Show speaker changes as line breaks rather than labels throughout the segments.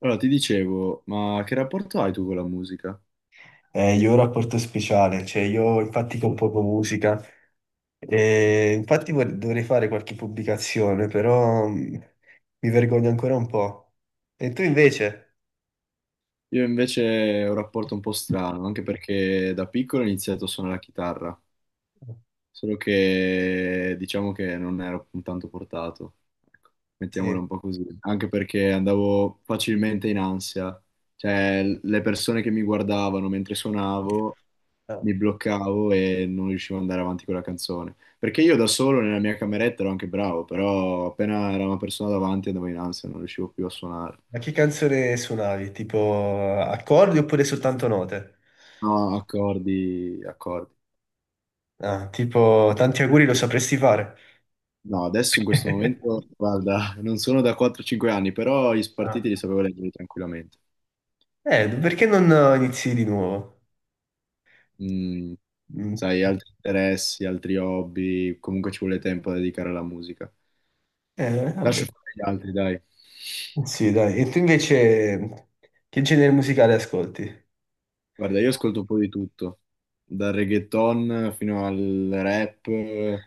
Allora, ti dicevo, ma che rapporto hai tu con la musica?
Io ho un rapporto speciale, cioè io infatti compongo musica e infatti dovrei fare qualche pubblicazione, però mi vergogno ancora un po'. E tu invece?
Io invece ho un rapporto un po' strano, anche perché da piccolo ho iniziato a suonare la chitarra. Solo che diciamo che non ero tanto portato, ecco, mettiamola
Sì.
un po' così, anche perché andavo facilmente in ansia, cioè le persone che mi guardavano mentre suonavo
Ah.
mi bloccavo e non riuscivo ad andare avanti con la canzone, perché io da solo nella mia cameretta ero anche bravo, però appena era una persona davanti andavo in ansia, non riuscivo più a suonare,
Ma che canzone suonavi? Tipo accordi oppure soltanto note?
no, accordi, accordi.
Ah, tipo tanti auguri lo sapresti fare.
No, adesso in questo momento, guarda, non sono da 4-5 anni, però gli
Ah.
spartiti li sapevo leggere tranquillamente.
Perché non inizi di nuovo?
Mm,
Mm.
sai, altri interessi, altri hobby, comunque ci vuole tempo da dedicare alla musica. Lascio
Vabbè.
fare gli altri, dai.
Sì, dai. E tu invece che genere musicale ascolti?
Guarda, io ascolto un po' di tutto, dal reggaeton fino al rap, un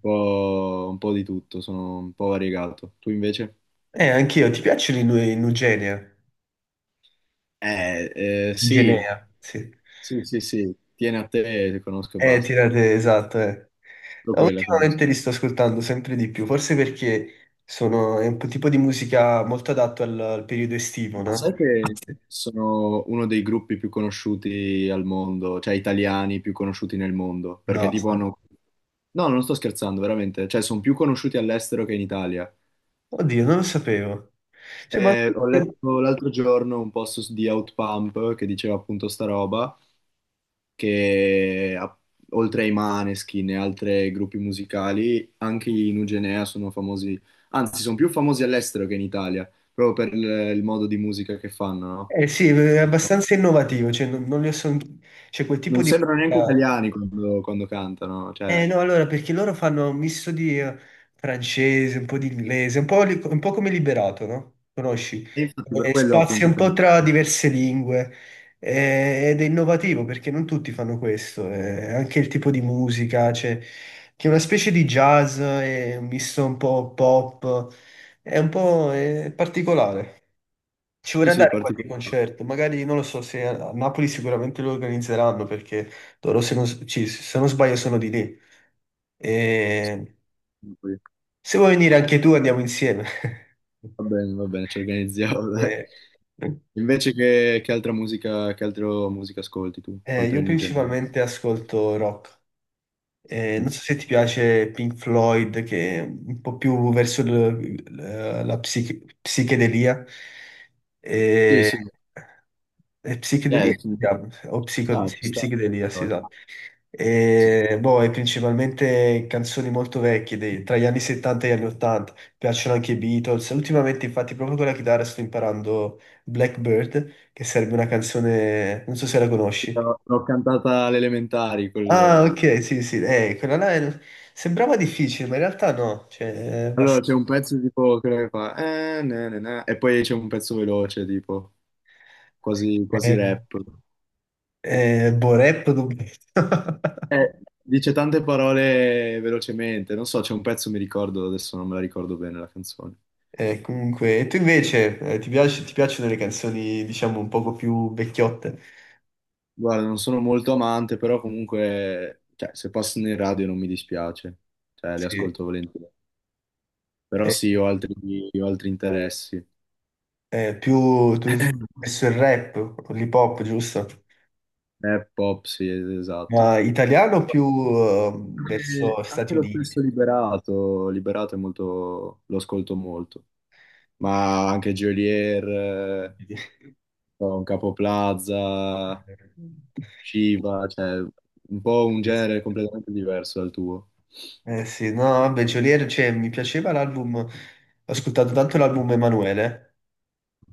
po', un po' di tutto, sono un po' variegato. Tu invece?
Anch'io, ti piacciono i i Nugenea?
Sì,
Nugenea, sì.
sì, sì, sì, tieni a te, conosco e basta.
Tirate, esatto, eh.
Solo
No,
quella conosco.
ultimamente li sto ascoltando sempre di più, forse perché sono, è un po' tipo di musica molto adatto al periodo estivo,
Ma
no?
sai che sono uno dei gruppi più conosciuti al mondo, cioè italiani più conosciuti nel mondo, perché
No.
tipo hanno... No, non sto scherzando, veramente, cioè sono più conosciuti all'estero che in Italia.
Oddio, non lo sapevo. Cioè, ma...
Ho letto l'altro giorno un post su- di Outpump che diceva appunto sta roba, che a- oltre ai Maneskin e altri gruppi musicali, anche i Nugenea sono famosi, anzi sono più famosi all'estero che in Italia, proprio per il modo di musica che fanno,
Eh sì, è
no?
abbastanza innovativo, cioè non li ho son- C'è quel tipo
Non
di...
sembrano neanche italiani quando, cantano,
Eh
cioè,
no, allora, perché loro fanno un misto di francese, un po' di inglese, un po' come Liberato, no? Conosci?
e infatti per quello
Spazia
appunto
un po'
penso.
tra diverse lingue ed è innovativo perché non tutti fanno questo, anche il tipo di musica, cioè, che è una specie di jazz, è un misto un po' pop, è un po' particolare. Ci
Sì,
vorrei
sì,
andare a qualche
particolare.
concerto, magari non lo so se a Napoli sicuramente lo organizzeranno perché loro se non sbaglio sono di lì. E se vuoi venire anche tu andiamo insieme.
Va bene, ci organizziamo, dai.
Eh,
Invece che altra musica, che altro musica ascolti tu,
eh,
oltre
io
ai New Gen?
principalmente ascolto rock.
Mm.
Non so se ti piace Pink Floyd, che è un po' più verso la psichedelia.
Sì,
Eh,
sì,
è psichedelia?
eh, ci-
O
ah, ci
sì,
sta.
psichedelia, sì, esatto.
Sì,
E, boh, è principalmente canzoni molto vecchie, tra gli anni 70 e gli anni 80. Piacciono anche i Beatles. Ultimamente, infatti, proprio con la chitarra sto imparando Blackbird, che sarebbe una canzone, non so se la conosci.
l'ho cantata alle elementari,
Ah,
quel...
ok, sì, sì, quella là sembrava difficile, ma in realtà no, cioè, basta-
Allora c'è un pezzo tipo quello che fa na, na, na, e poi c'è un pezzo veloce, tipo quasi, quasi
eh,
rap.
boh, rap dubbietto.
Dice tante parole velocemente, non so, c'è un pezzo, mi ricordo, adesso non me la ricordo bene la canzone.
Comunque, e tu invece, ti piacciono le canzoni, diciamo, un poco più vecchiotte?
Guarda, non sono molto amante, però comunque, cioè, se passano in radio non mi dispiace, cioè, le
Sì.
ascolto volentieri. Però
Eh,
sì, ho altri interessi.
più, tu, verso il rap, o l'hip hop, giusto?
Rap, pop, sì, esatto.
Ma italiano o più verso
Anche
Stati
lo
Uniti?
stesso Liberato, Liberato è molto, lo ascolto molto, ma anche Geolier, un Capo Plaza, Shiva, cioè un po' un genere completamente diverso dal tuo.
Eh sì, no, vabbè, Geolier, cioè, mi piaceva l'album, ho ascoltato tanto l'album Emanuele,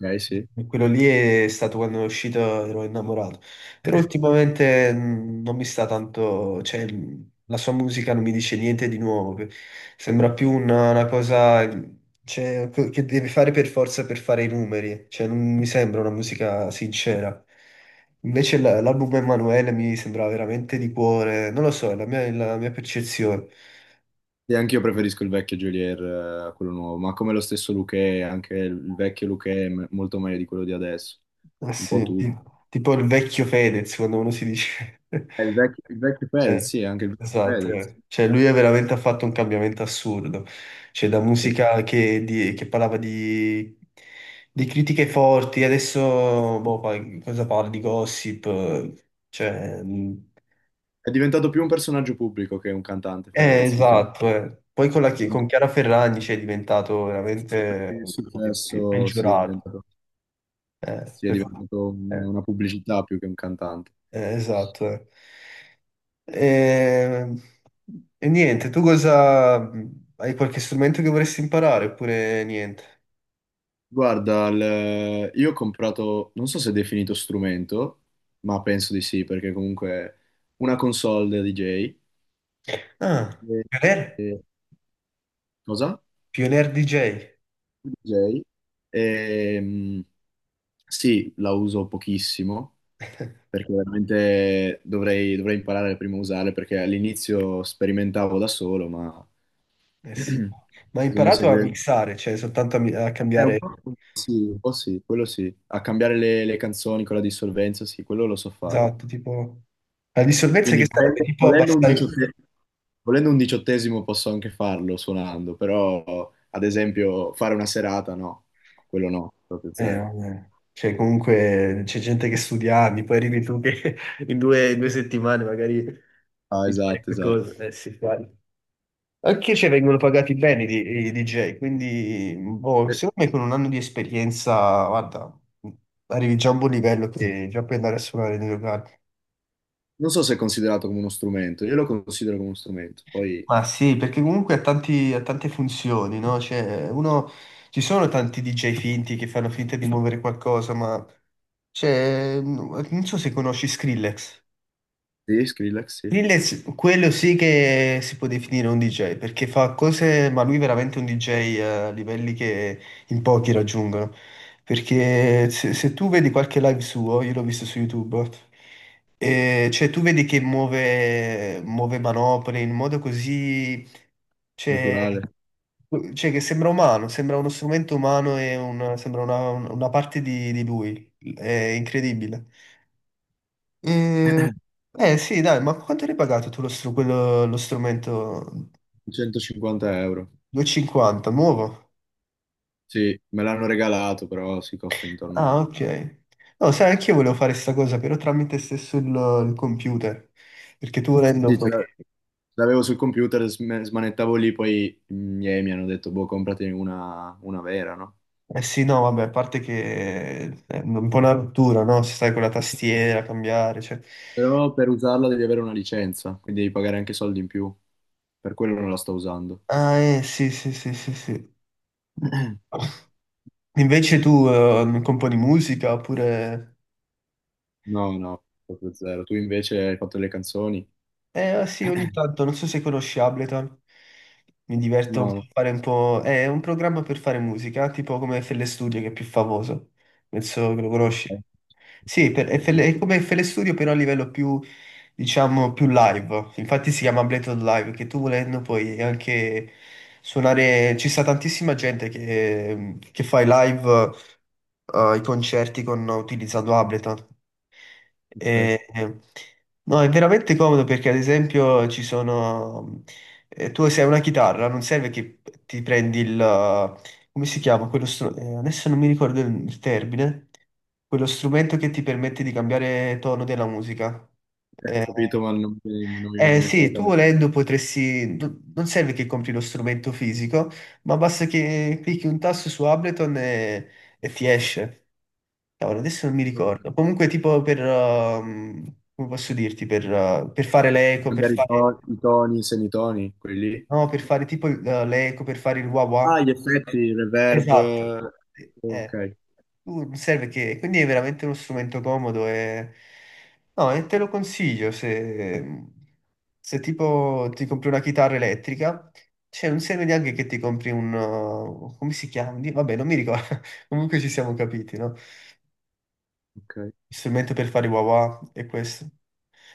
Ok, sì.
e quello lì è stato quando è uscito, ero innamorato, però ultimamente non mi sta tanto, cioè, la sua musica non mi dice niente di nuovo, sembra più una cosa, cioè, che deve fare per forza per fare i numeri, cioè, non mi sembra una musica sincera. Invece l'album Emanuele mi sembrava veramente di cuore, non lo so, è la mia percezione.
E anche io preferisco il vecchio Geolier a quello nuovo, ma come lo stesso Luchè, anche il vecchio Luchè è molto meglio di quello di adesso.
Eh
Un po'
sì,
tutto.
tipo il vecchio Fedez, quando uno si dice...
Il vecchio Fedez,
Eh,
sì, anche il vecchio
esatto,
Fedez.
eh. Cioè lui è veramente ha fatto un cambiamento assurdo. Cioè da
Sì.
musica che parlava di, critiche forti, adesso boh, cosa parla di gossip? Cioè,
È diventato più un personaggio pubblico che un cantante Fedez
esatto,
ultimamente.
eh. Poi con, la chi-
Anche
con Chiara Ferragni cioè, è diventato veramente
il successo,
peggiorato. Eh,
sì, è
per fa-
diventato
eh,
una pubblicità più che un cantante.
esatto. Eh. E, e, niente, tu cosa... Hai qualche strumento che vorresti imparare oppure niente?
Guarda, io ho comprato, non so se è definito strumento, ma penso di sì, perché comunque è una console da DJ.
Ah,
E-
Pioneer?
e- Cosa?
Pioneer DJ.
DJ. E, sì, la uso pochissimo, perché veramente dovrei imparare prima a usarla, perché all'inizio sperimentavo da solo, ma
Eh sì. Ma hai
bisogna
imparato a
seguire...
mixare, cioè soltanto a
È
cambiare...
un po' sì, quello sì. A cambiare le canzoni con la dissolvenza, sì, quello lo so fare.
Esatto, tipo... La dissolvenza che
Quindi
sarebbe? Tipo abbassare...
volendo un diciottesimo posso anche farlo suonando, però ad esempio fare una serata no, quello no, proprio zero.
Vabbè. Cioè comunque c'è gente che studia anni, poi arrivi tu che in due settimane magari
Ah,
impari
esatto, esatto.
qualcosa. Eh sì, vai. Anche se vengono pagati bene i DJ, quindi boh,
Eh,
secondo me con un anno di esperienza, guarda, arrivi già a un buon livello che già puoi andare a suonare nei locali.
Non so se è considerato come uno strumento, io lo considero come uno strumento. Poi,
Ma sì, perché comunque ha ha tante funzioni, no? Cioè, uno, ci sono tanti DJ finti che fanno finta di muovere qualcosa, ma cioè, non so se conosci Skrillex.
sì, Skrillex, sì,
Lil è quello sì che si può definire un DJ, perché fa cose, ma lui è veramente un DJ a livelli che in pochi raggiungono. Perché se tu vedi qualche live suo, io l'ho visto su YouTube, cioè tu vedi che muove, muove manopole in modo così, cioè,
naturale.
cioè che sembra umano, sembra uno strumento umano e sembra una parte di lui. È incredibile. Eh, sì, dai, ma quanto hai pagato tu lo strumento
150 euro.
250, nuovo?
Sì, me l'hanno regalato, però si costa
Ah,
intorno...
ok. No, sai, anch'io volevo fare sta cosa, però tramite stesso il computer, perché tu volendo
Sì,
poi...
ce l'avevo sul computer, smanettavo lì, poi i miei mi hanno detto, boh, compratene una vera, no?
Eh sì, no, vabbè, a parte che è un po' una rottura, no? Se stai con la tastiera, cambiare, cioè...
Però per usarla devi avere una licenza, quindi devi pagare anche soldi in più. Per quello non la sto usando.
Ah, sì, sì, sì, sì, sì. Invece tu componi musica oppure...
No, no, proprio zero. Tu invece hai fatto le canzoni?
Eh sì, ogni tanto, non so se conosci Ableton, mi diverto un
No,
po' a
no.
fare un po'... È un programma per fare musica, tipo come FL Studio che è più famoso, penso che lo
Ok.
conosci. Sì, per
Sì, sì,
FL
sì.
è come FL Studio però a livello più, diciamo, più live, infatti si chiama Ableton Live, che tu volendo puoi anche suonare... Ci sta tantissima gente che fa i live, i concerti con, utilizzando Ableton.
Ok.
E- e- no, è veramente comodo perché ad esempio ci sono... tu se hai una chitarra, non serve che ti prendi il... come si chiama? Quello adesso non mi ricordo il termine. Quello strumento che ti permette di cambiare tono della musica.
Ho
Eh,
capito, ma non mi viene
eh,
in mente la
sì, tu
camera.
volendo potresti... Non serve che compri lo strumento fisico, ma basta che clicchi un tasto su Ableton e ti esce. Cavolo, adesso non mi
Ok.
ricordo. Comunque, tipo per, come posso dirti, per fare le eco, per
Cambiare
fare,
i toni, i semitoni, quelli lì.
no, per fare tipo le eco, per fare il wah
Ah,
wah.
gli effetti, il reverb.
Esatto. Eh, eh.
Ok,
Tu serve che, quindi è veramente uno strumento comodo e, no, e te lo consiglio se, tipo ti compri una chitarra elettrica, cioè non serve neanche che ti compri un, come si chiama? Vabbè, non mi ricordo. Comunque ci siamo capiti, no?
ok.
Il strumento per fare i wah wah è questo.